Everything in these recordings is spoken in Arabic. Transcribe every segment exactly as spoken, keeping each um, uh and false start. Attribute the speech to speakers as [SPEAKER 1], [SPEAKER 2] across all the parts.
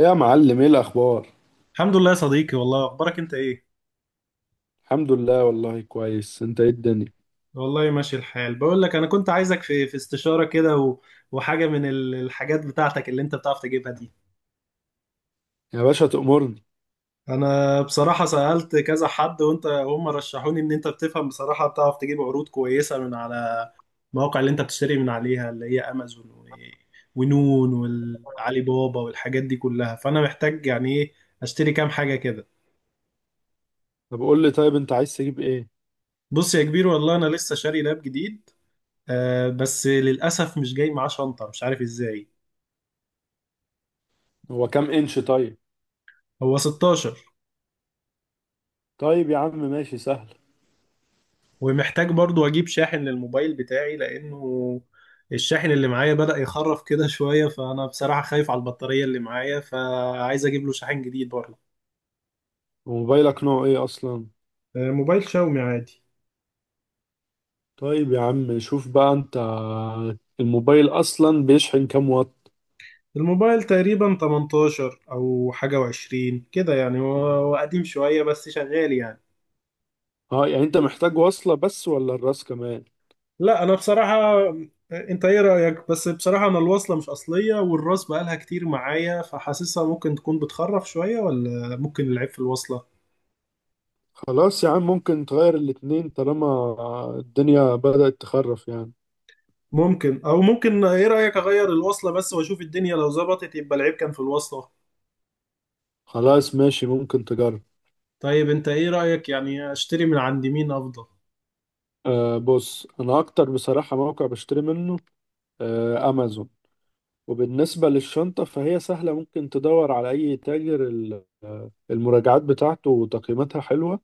[SPEAKER 1] يا معلم، ايه الاخبار؟
[SPEAKER 2] الحمد لله يا صديقي، والله اخبارك انت ايه؟
[SPEAKER 1] الحمد لله والله، كويس. انت ايه الدنيا؟
[SPEAKER 2] والله ماشي الحال. بقول لك انا كنت عايزك في في استشاره كده و- وحاجه من ال- الحاجات بتاعتك اللي انت بتعرف تجيبها دي.
[SPEAKER 1] يا باشا تأمرني.
[SPEAKER 2] انا بصراحه سالت كذا حد وانت هم رشحوني ان انت بتفهم، بصراحه بتعرف تجيب عروض كويسه من على المواقع اللي انت بتشتري من عليها، اللي هي امازون و- ونون والعلي بابا والحاجات دي كلها. فانا محتاج يعني ايه اشتري كام حاجه كده.
[SPEAKER 1] طب قول لي، طيب انت عايز تجيب ايه؟
[SPEAKER 2] بص يا كبير، والله انا لسه شاري لاب جديد، آه بس للأسف مش جاي معاه شنطة، مش عارف ازاي.
[SPEAKER 1] هو كام انش طيب؟
[SPEAKER 2] هو ستاشر.
[SPEAKER 1] طيب يا عم ماشي، سهل.
[SPEAKER 2] ومحتاج برضو أجيب شاحن للموبايل بتاعي، لأنه الشاحن اللي معايا بدأ يخرف كده شوية، فأنا بصراحة خايف على البطارية اللي معايا، فعايز أجيب له شاحن جديد برضو.
[SPEAKER 1] وموبايلك نوعه ايه اصلا؟
[SPEAKER 2] آه موبايل شاومي عادي.
[SPEAKER 1] طيب يا عم شوف بقى انت، الموبايل اصلا بيشحن كام واط؟
[SPEAKER 2] الموبايل تقريبا تمنتاشر أو حاجة وعشرين كده يعني، هو هو قديم شوية بس شغال يعني.
[SPEAKER 1] اه يعني انت محتاج وصلة بس ولا الراس كمان؟
[SPEAKER 2] لا انا بصراحة، انت ايه رأيك؟ بس بصراحة انا الوصلة مش اصلية، والراس بقالها كتير معايا، فحاسسها ممكن تكون بتخرف شوية، ولا ممكن العيب في الوصلة.
[SPEAKER 1] خلاص يا عم، ممكن تغير الاتنين طالما الدنيا بدأت تخرف يعني.
[SPEAKER 2] ممكن او ممكن ايه رأيك اغير الوصلة بس واشوف الدنيا، لو ظبطت يبقى العيب كان في الوصلة.
[SPEAKER 1] خلاص ماشي، ممكن تجرب.
[SPEAKER 2] طيب انت ايه رأيك يعني اشتري من عند مين افضل؟
[SPEAKER 1] آه بص، انا اكتر بصراحة موقع بشتري منه آه، امازون. وبالنسبة للشنطة فهي سهلة، ممكن تدور على أي تاجر ال- المراجعات بتاعته وتقييماتها حلوة.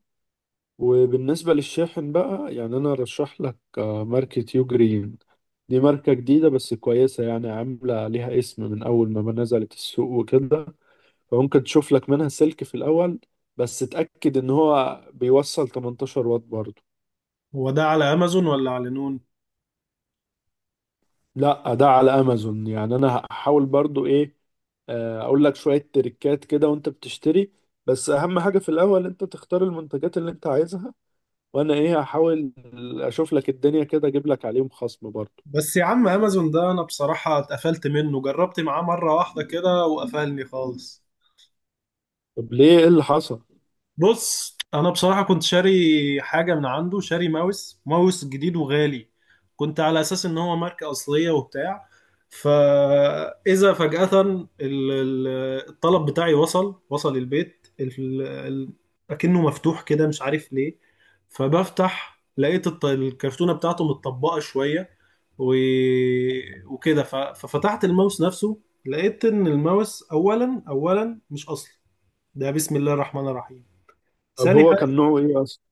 [SPEAKER 1] وبالنسبة للشاحن بقى يعني أنا أرشح لك آه، ماركة يو جرين. دي ماركة جديدة بس كويسة، يعني عاملة ليها اسم من أول ما نزلت السوق وكده. فممكن تشوف لك منها سلك في الأول، بس تأكد إن هو بيوصل تمنتاشر واط برضه.
[SPEAKER 2] هو ده على امازون ولا على نون؟
[SPEAKER 1] لا، ده على امازون. يعني انا هحاول برضو ايه، آه، اقول لك شوية تريكات كده وانت بتشتري. بس اهم حاجة في الاول انت تختار المنتجات اللي انت عايزها، وانا ايه هحاول اشوف لك الدنيا كده، اجيب لك عليهم خصم برضو.
[SPEAKER 2] بس يا عم، امازون ده انا بصراحة اتقفلت منه، جربت معاه مرة واحدة كده وقفلني خالص.
[SPEAKER 1] طب ليه؟ ايه اللي حصل؟
[SPEAKER 2] بص انا بصراحه كنت شاري حاجه من عنده، شاري ماوس ماوس جديد وغالي، كنت على اساس ان هو ماركه اصليه وبتاع. فاذا فجاه ال- ال- الطلب بتاعي وصل وصل البيت ال- ال- اكنه مفتوح كده، مش عارف ليه. فبفتح لقيت الط- الكرتونه بتاعته متطبقه شويه و... وكده ف... ففتحت الماوس نفسه، لقيت ان الماوس اولا اولا مش اصلي. ده بسم الله الرحمن الرحيم.
[SPEAKER 1] طب
[SPEAKER 2] ثاني
[SPEAKER 1] هو كان
[SPEAKER 2] حاجة،
[SPEAKER 1] نوعه ايه اصلا؟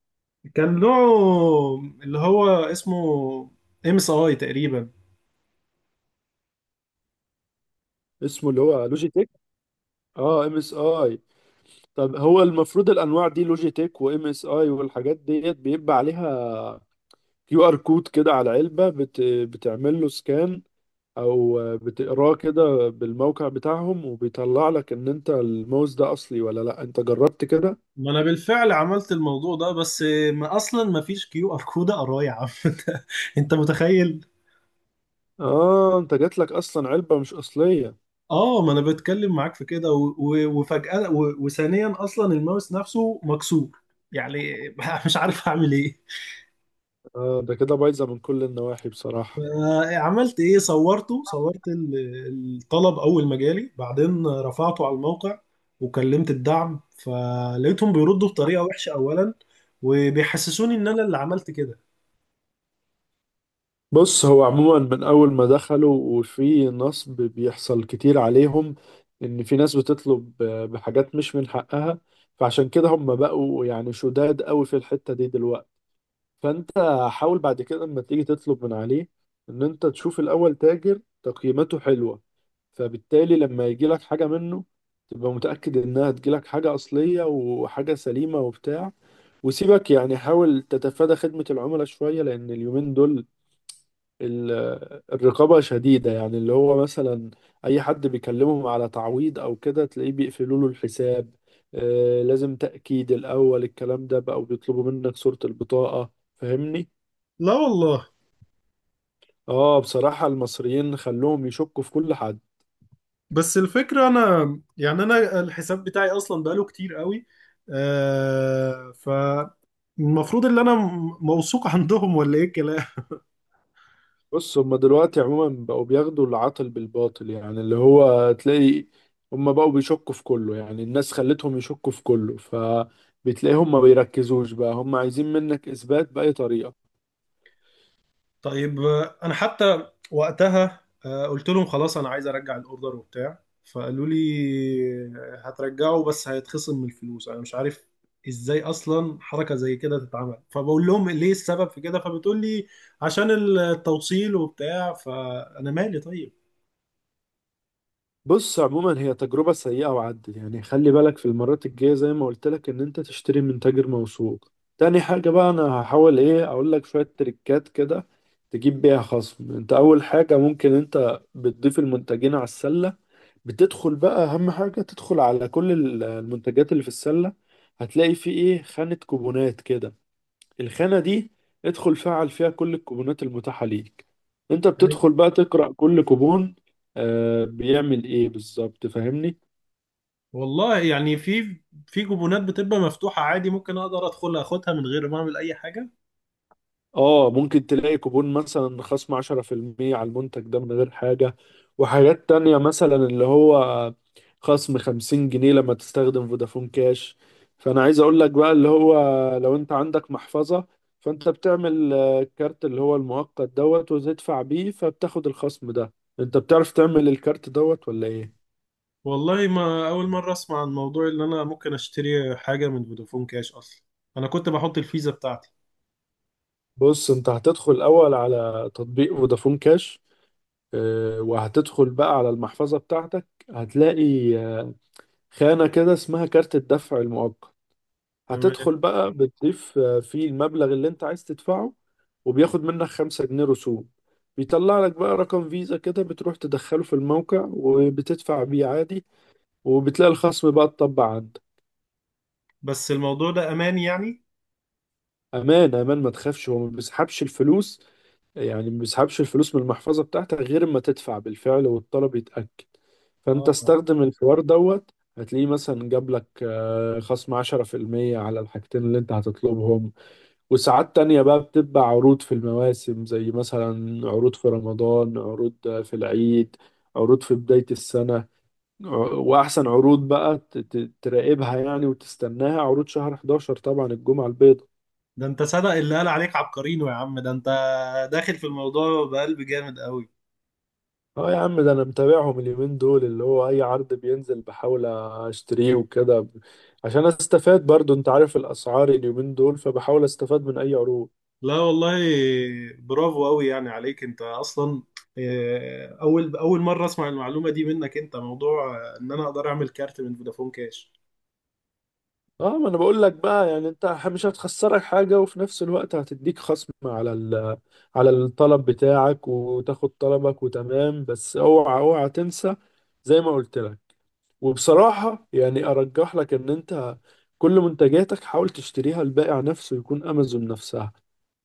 [SPEAKER 2] كان نوعه اللي هو اسمه ام اس اي تقريبا.
[SPEAKER 1] اسمه اللي هو لوجيتيك. اه ام اس اي. طب هو المفروض الانواع دي لوجيتيك وام اس اي والحاجات ديت بيبقى عليها كيو ار كود كده على العلبة، بت... بتعمل له سكان او بتقراه كده بالموقع بتاعهم وبيطلع لك ان انت الماوس ده اصلي ولا لا. انت جربت كده؟
[SPEAKER 2] ما انا بالفعل عملت الموضوع ده، بس ما اصلا ما فيش كيو ار كود اقراه يا عم. انت انت متخيل.
[SPEAKER 1] اه انت جات لك اصلا علبة مش اصلية.
[SPEAKER 2] اه، ما انا بتكلم معاك في كده و- و- وفجأة و- وثانيا اصلا الماوس نفسه مكسور، يعني مش عارف اعمل ايه.
[SPEAKER 1] اه ده كده بايظة من كل النواحي بصراحة.
[SPEAKER 2] آه، عملت ايه، صورته، صورت ال- الطلب اول ما جالي، بعدين رفعته على الموقع وكلمت الدعم، فلقيتهم بيردوا بطريقة وحشة اولا، وبيحسسوني ان انا اللي عملت كده.
[SPEAKER 1] بص، هو عموما من اول ما دخلوا وفي نصب بيحصل كتير عليهم، ان في ناس بتطلب بحاجات مش من حقها، فعشان كده هم بقوا يعني شداد قوي في الحتة دي دلوقتي. فانت حاول بعد كده لما تيجي تطلب من عليه ان انت تشوف الاول تاجر تقييماته حلوة، فبالتالي لما يجيلك حاجة منه تبقى متأكد انها تجيلك حاجة اصلية وحاجة سليمة وبتاع. وسيبك يعني، حاول تتفادى خدمة العملاء شوية، لأن اليومين دول ال- الرقابة شديدة، يعني اللي هو مثلا أي حد بيكلمهم على تعويض أو كده تلاقيه بيقفلوا له الحساب. آه، لازم تأكيد الأول الكلام ده بقى، وبيطلبوا منك صورة البطاقة. فاهمني؟
[SPEAKER 2] لا والله.
[SPEAKER 1] اه بصراحة المصريين خلوهم يشكوا في كل حد.
[SPEAKER 2] بس الفكرة انا، يعني انا الحساب بتاعي اصلا بقاله كتير قوي، آه فالمفروض ان انا م- موثوق عندهم ولا ايه الكلام.
[SPEAKER 1] بص، هما دلوقتي عموما بقوا بياخدوا العاطل بالباطل، يعني اللي هو تلاقي هما بقوا بيشكوا في كله، يعني الناس خلتهم يشكوا في كله، فبتلاقيهم ما بيركزوش بقى، هما عايزين منك إثبات بأي طريقة.
[SPEAKER 2] طيب آه، انا حتى وقتها آه، قلت لهم خلاص انا عايز ارجع الاوردر وبتاع، فقالوا لي آه، هترجعه بس هيتخصم من الفلوس. انا مش عارف ازاي اصلا حركه زي كده تتعمل، فبقول لهم ليه السبب في كده، فبتقول لي عشان التوصيل وبتاع، فانا مالي طيب
[SPEAKER 1] بص، عموما هي تجربة سيئة وعدت يعني، خلي بالك في المرات الجاية زي ما قلت لك ان انت تشتري من تاجر موثوق. تاني حاجة بقى، انا هحاول ايه، اقول لك شوية تريكات كده تجيب بيها خصم. انت اول حاجة، ممكن انت بتضيف المنتجين على السلة، بتدخل بقى، اهم حاجة تدخل على كل ال- المنتجات اللي في السلة. هتلاقي في ايه، خانة كوبونات كده. الخانة دي ادخل فعل فيها كل الكوبونات المتاحة ليك. انت
[SPEAKER 2] يعني.
[SPEAKER 1] بتدخل بقى تقرأ كل كوبون آه بيعمل ايه بالظبط، فاهمني؟
[SPEAKER 2] والله يعني في في جبونات بتبقى مفتوحه عادي، ممكن اقدر ادخل اخدها من غير ما اعمل اي حاجه.
[SPEAKER 1] اه ممكن تلاقي كوبون مثلا خصم عشرة في المية على المنتج ده من غير حاجة، وحاجات تانية مثلا اللي هو خصم خمسين جنيه لما تستخدم فودافون كاش. فأنا عايز أقول لك بقى اللي هو، لو أنت عندك محفظة فأنت بتعمل آه، كارت اللي هو المؤقت دوت، وتدفع بيه فبتاخد الخصم ده. أنت بتعرف تعمل الكارت دوت ولا إيه؟
[SPEAKER 2] والله ما أول مرة أسمع عن موضوع إن أنا ممكن أشتري حاجة من فودافون كاش أصلا، أنا كنت بحط الفيزا بتاعتي.
[SPEAKER 1] بص، أنت هتدخل أول على تطبيق فودافون كاش، آه، وهتدخل بقى على المحفظة بتاعتك، هتلاقي آه، خانة كده اسمها كارت الدفع المؤقت.
[SPEAKER 2] تمام.
[SPEAKER 1] هتدخل بقى بتضيف آه، فيه المبلغ اللي انت عايز تدفعه، وبياخد منك خمسة جنيه رسوم. بيطلع لك بقى رقم فيزا كده، بتروح تدخله في الموقع وبتدفع بيه عادي، وبتلاقي الخصم بقى اتطبق عندك.
[SPEAKER 2] بس الموضوع ده أمان يعني؟
[SPEAKER 1] امان امان، ما تخافش، هو ما بيسحبش الفلوس، يعني ما بيسحبش الفلوس من المحفظة بتاعتك غير ما تدفع بالفعل والطلب يتأكد. فانت
[SPEAKER 2] آه.
[SPEAKER 1] استخدم الحوار دوت، هتلاقيه مثلا جاب لك آه، خصم عشرة في المية على الحاجتين اللي انت هتطلبهم. وساعات تانية بقى بتبقى عروض في المواسم، زي مثلا عروض في رمضان، عروض في العيد، عروض في بداية السنة. ع- وأحسن عروض بقى ت- ت- تراقبها يعني وتستناها، عروض شهر حداشر طبعا، الجمعة البيضاء.
[SPEAKER 2] ده أنت صدق اللي قال عليك عبقرينو، يا عم ده أنت داخل في الموضوع بقلب جامد قوي.
[SPEAKER 1] اه يا عم، ده أنا متابعهم اليومين دول، اللي هو أي عرض بينزل بحاول أشتريه وكده ب- عشان أستفاد برضو. أنت عارف الأسعار اليومين دول، فبحاول أستفاد من أي عروض.
[SPEAKER 2] لا والله، برافو قوي يعني عليك أنت أصلا. آه، أول أول مرة أسمع المعلومة دي منك، أنت موضوع آه، إن أنا أقدر أعمل كارت من فودافون كاش.
[SPEAKER 1] اه ما انا بقول لك بقى، يعني انت ح- مش هتخسرك حاجه، وفي نفس الوقت هتديك خصم على ال- على الطلب بتاعك، وتاخد طلبك وتمام. بس اوعى اوعى تنسى، زي ما قلت لك. وبصراحه يعني ارجح لك ان انت كل منتجاتك حاول تشتريها البائع نفسه يكون امازون نفسها،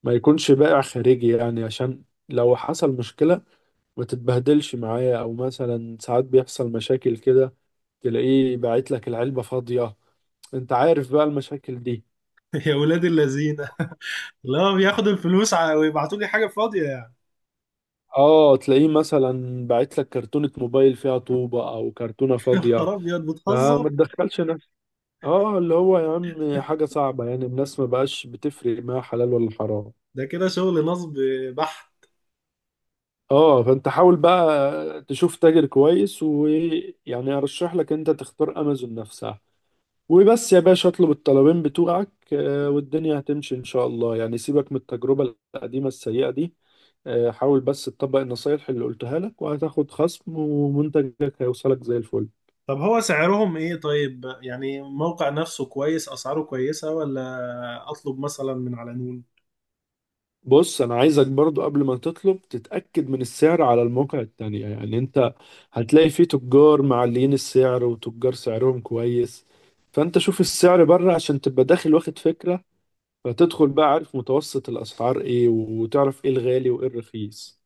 [SPEAKER 1] ما يكونش بائع خارجي يعني، عشان لو حصل مشكلة ما تتبهدلش معايا. او مثلا ساعات بيحصل مشاكل كده، تلاقيه باعت لك العلبة فاضية. انت عارف بقى المشاكل دي.
[SPEAKER 2] يا ولاد اللذينه، لا بياخدوا الفلوس ع- ويبعتوا لي حاجة فاضية يعني.
[SPEAKER 1] اه تلاقيه مثلا باعت لك كرتونة موبايل فيها طوبة او كرتونة فاضية،
[SPEAKER 2] نهار ابيض، بتهزر.
[SPEAKER 1] فما تدخلش نفسك. اه اللي هو يا عم حاجة صعبة يعني، الناس ما بقاش بتفرق ما حلال ولا حرام.
[SPEAKER 2] ده كده شغل نصب بحت.
[SPEAKER 1] اه فانت حاول بقى تشوف تاجر كويس، ويعني ارشح لك انت تختار امازون نفسها وبس. يا باشا اطلب الطلبين بتوعك، آه، والدنيا هتمشي ان شاء الله يعني. سيبك من التجربة القديمة السيئة دي، آه، حاول بس تطبق النصايح اللي قلتها لك، وهتاخد خصم ومنتجك هيوصلك زي الفل.
[SPEAKER 2] طب هو سعرهم ايه طيب؟ يعني موقع نفسه كويس، اسعاره كويسة، ولا اطلب مثلا من على نون؟
[SPEAKER 1] بص، انا عايزك برضو قبل ما تطلب تتأكد من السعر على المواقع التانية. يعني انت هتلاقي فيه تجار معلين السعر، وتجار سعرهم كويس. فانت شوف السعر بره عشان تبقى داخل واخد فكرة، فتدخل بقى عارف متوسط الاسعار ايه، وتعرف ايه الغالي وايه الرخيص.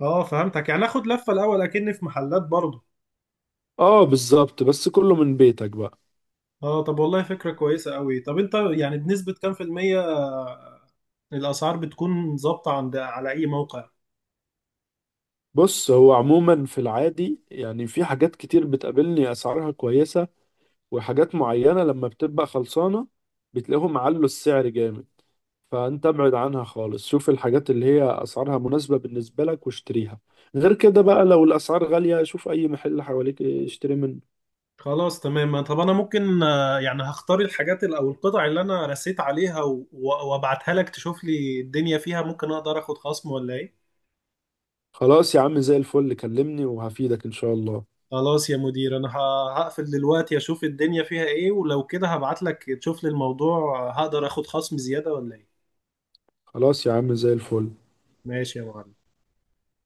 [SPEAKER 2] اه فهمتك، يعني اخد لفة الاول اكني في محلات برضه.
[SPEAKER 1] اه بالظبط، بس كله من بيتك بقى.
[SPEAKER 2] اه طب والله فكرة كويسة قوي. طب انت يعني بنسبة كام في المية الاسعار بتكون ظابطة عند على اي موقع؟
[SPEAKER 1] بص هو عموما في العادي، يعني في حاجات كتير بتقابلني اسعارها كويسة، وحاجات معينة لما بتبقى خلصانة بتلاقيهم علوا السعر جامد، فانت ابعد عنها خالص. شوف الحاجات اللي هي اسعارها مناسبة بالنسبة لك واشتريها، غير كده بقى لو الاسعار غالية شوف اي محل حواليك اشتري منه.
[SPEAKER 2] خلاص تمام. طب انا ممكن آه، يعني هختار الحاجات ال- او القطع اللي انا رسيت عليها و- و- وابعتها لك، تشوف لي الدنيا فيها ممكن اقدر اخد خصم ولا ايه.
[SPEAKER 1] خلاص يا عم زي الفل، كلمني وهفيدك ان شاء الله.
[SPEAKER 2] خلاص يا مدير، انا ه- هقفل دلوقتي، اشوف الدنيا فيها ايه، ولو كده هبعت لك تشوف لي الموضوع هقدر اخد خصم زيادة ولا ايه.
[SPEAKER 1] خلاص يا عم زي الفل.
[SPEAKER 2] ماشي يا معلم.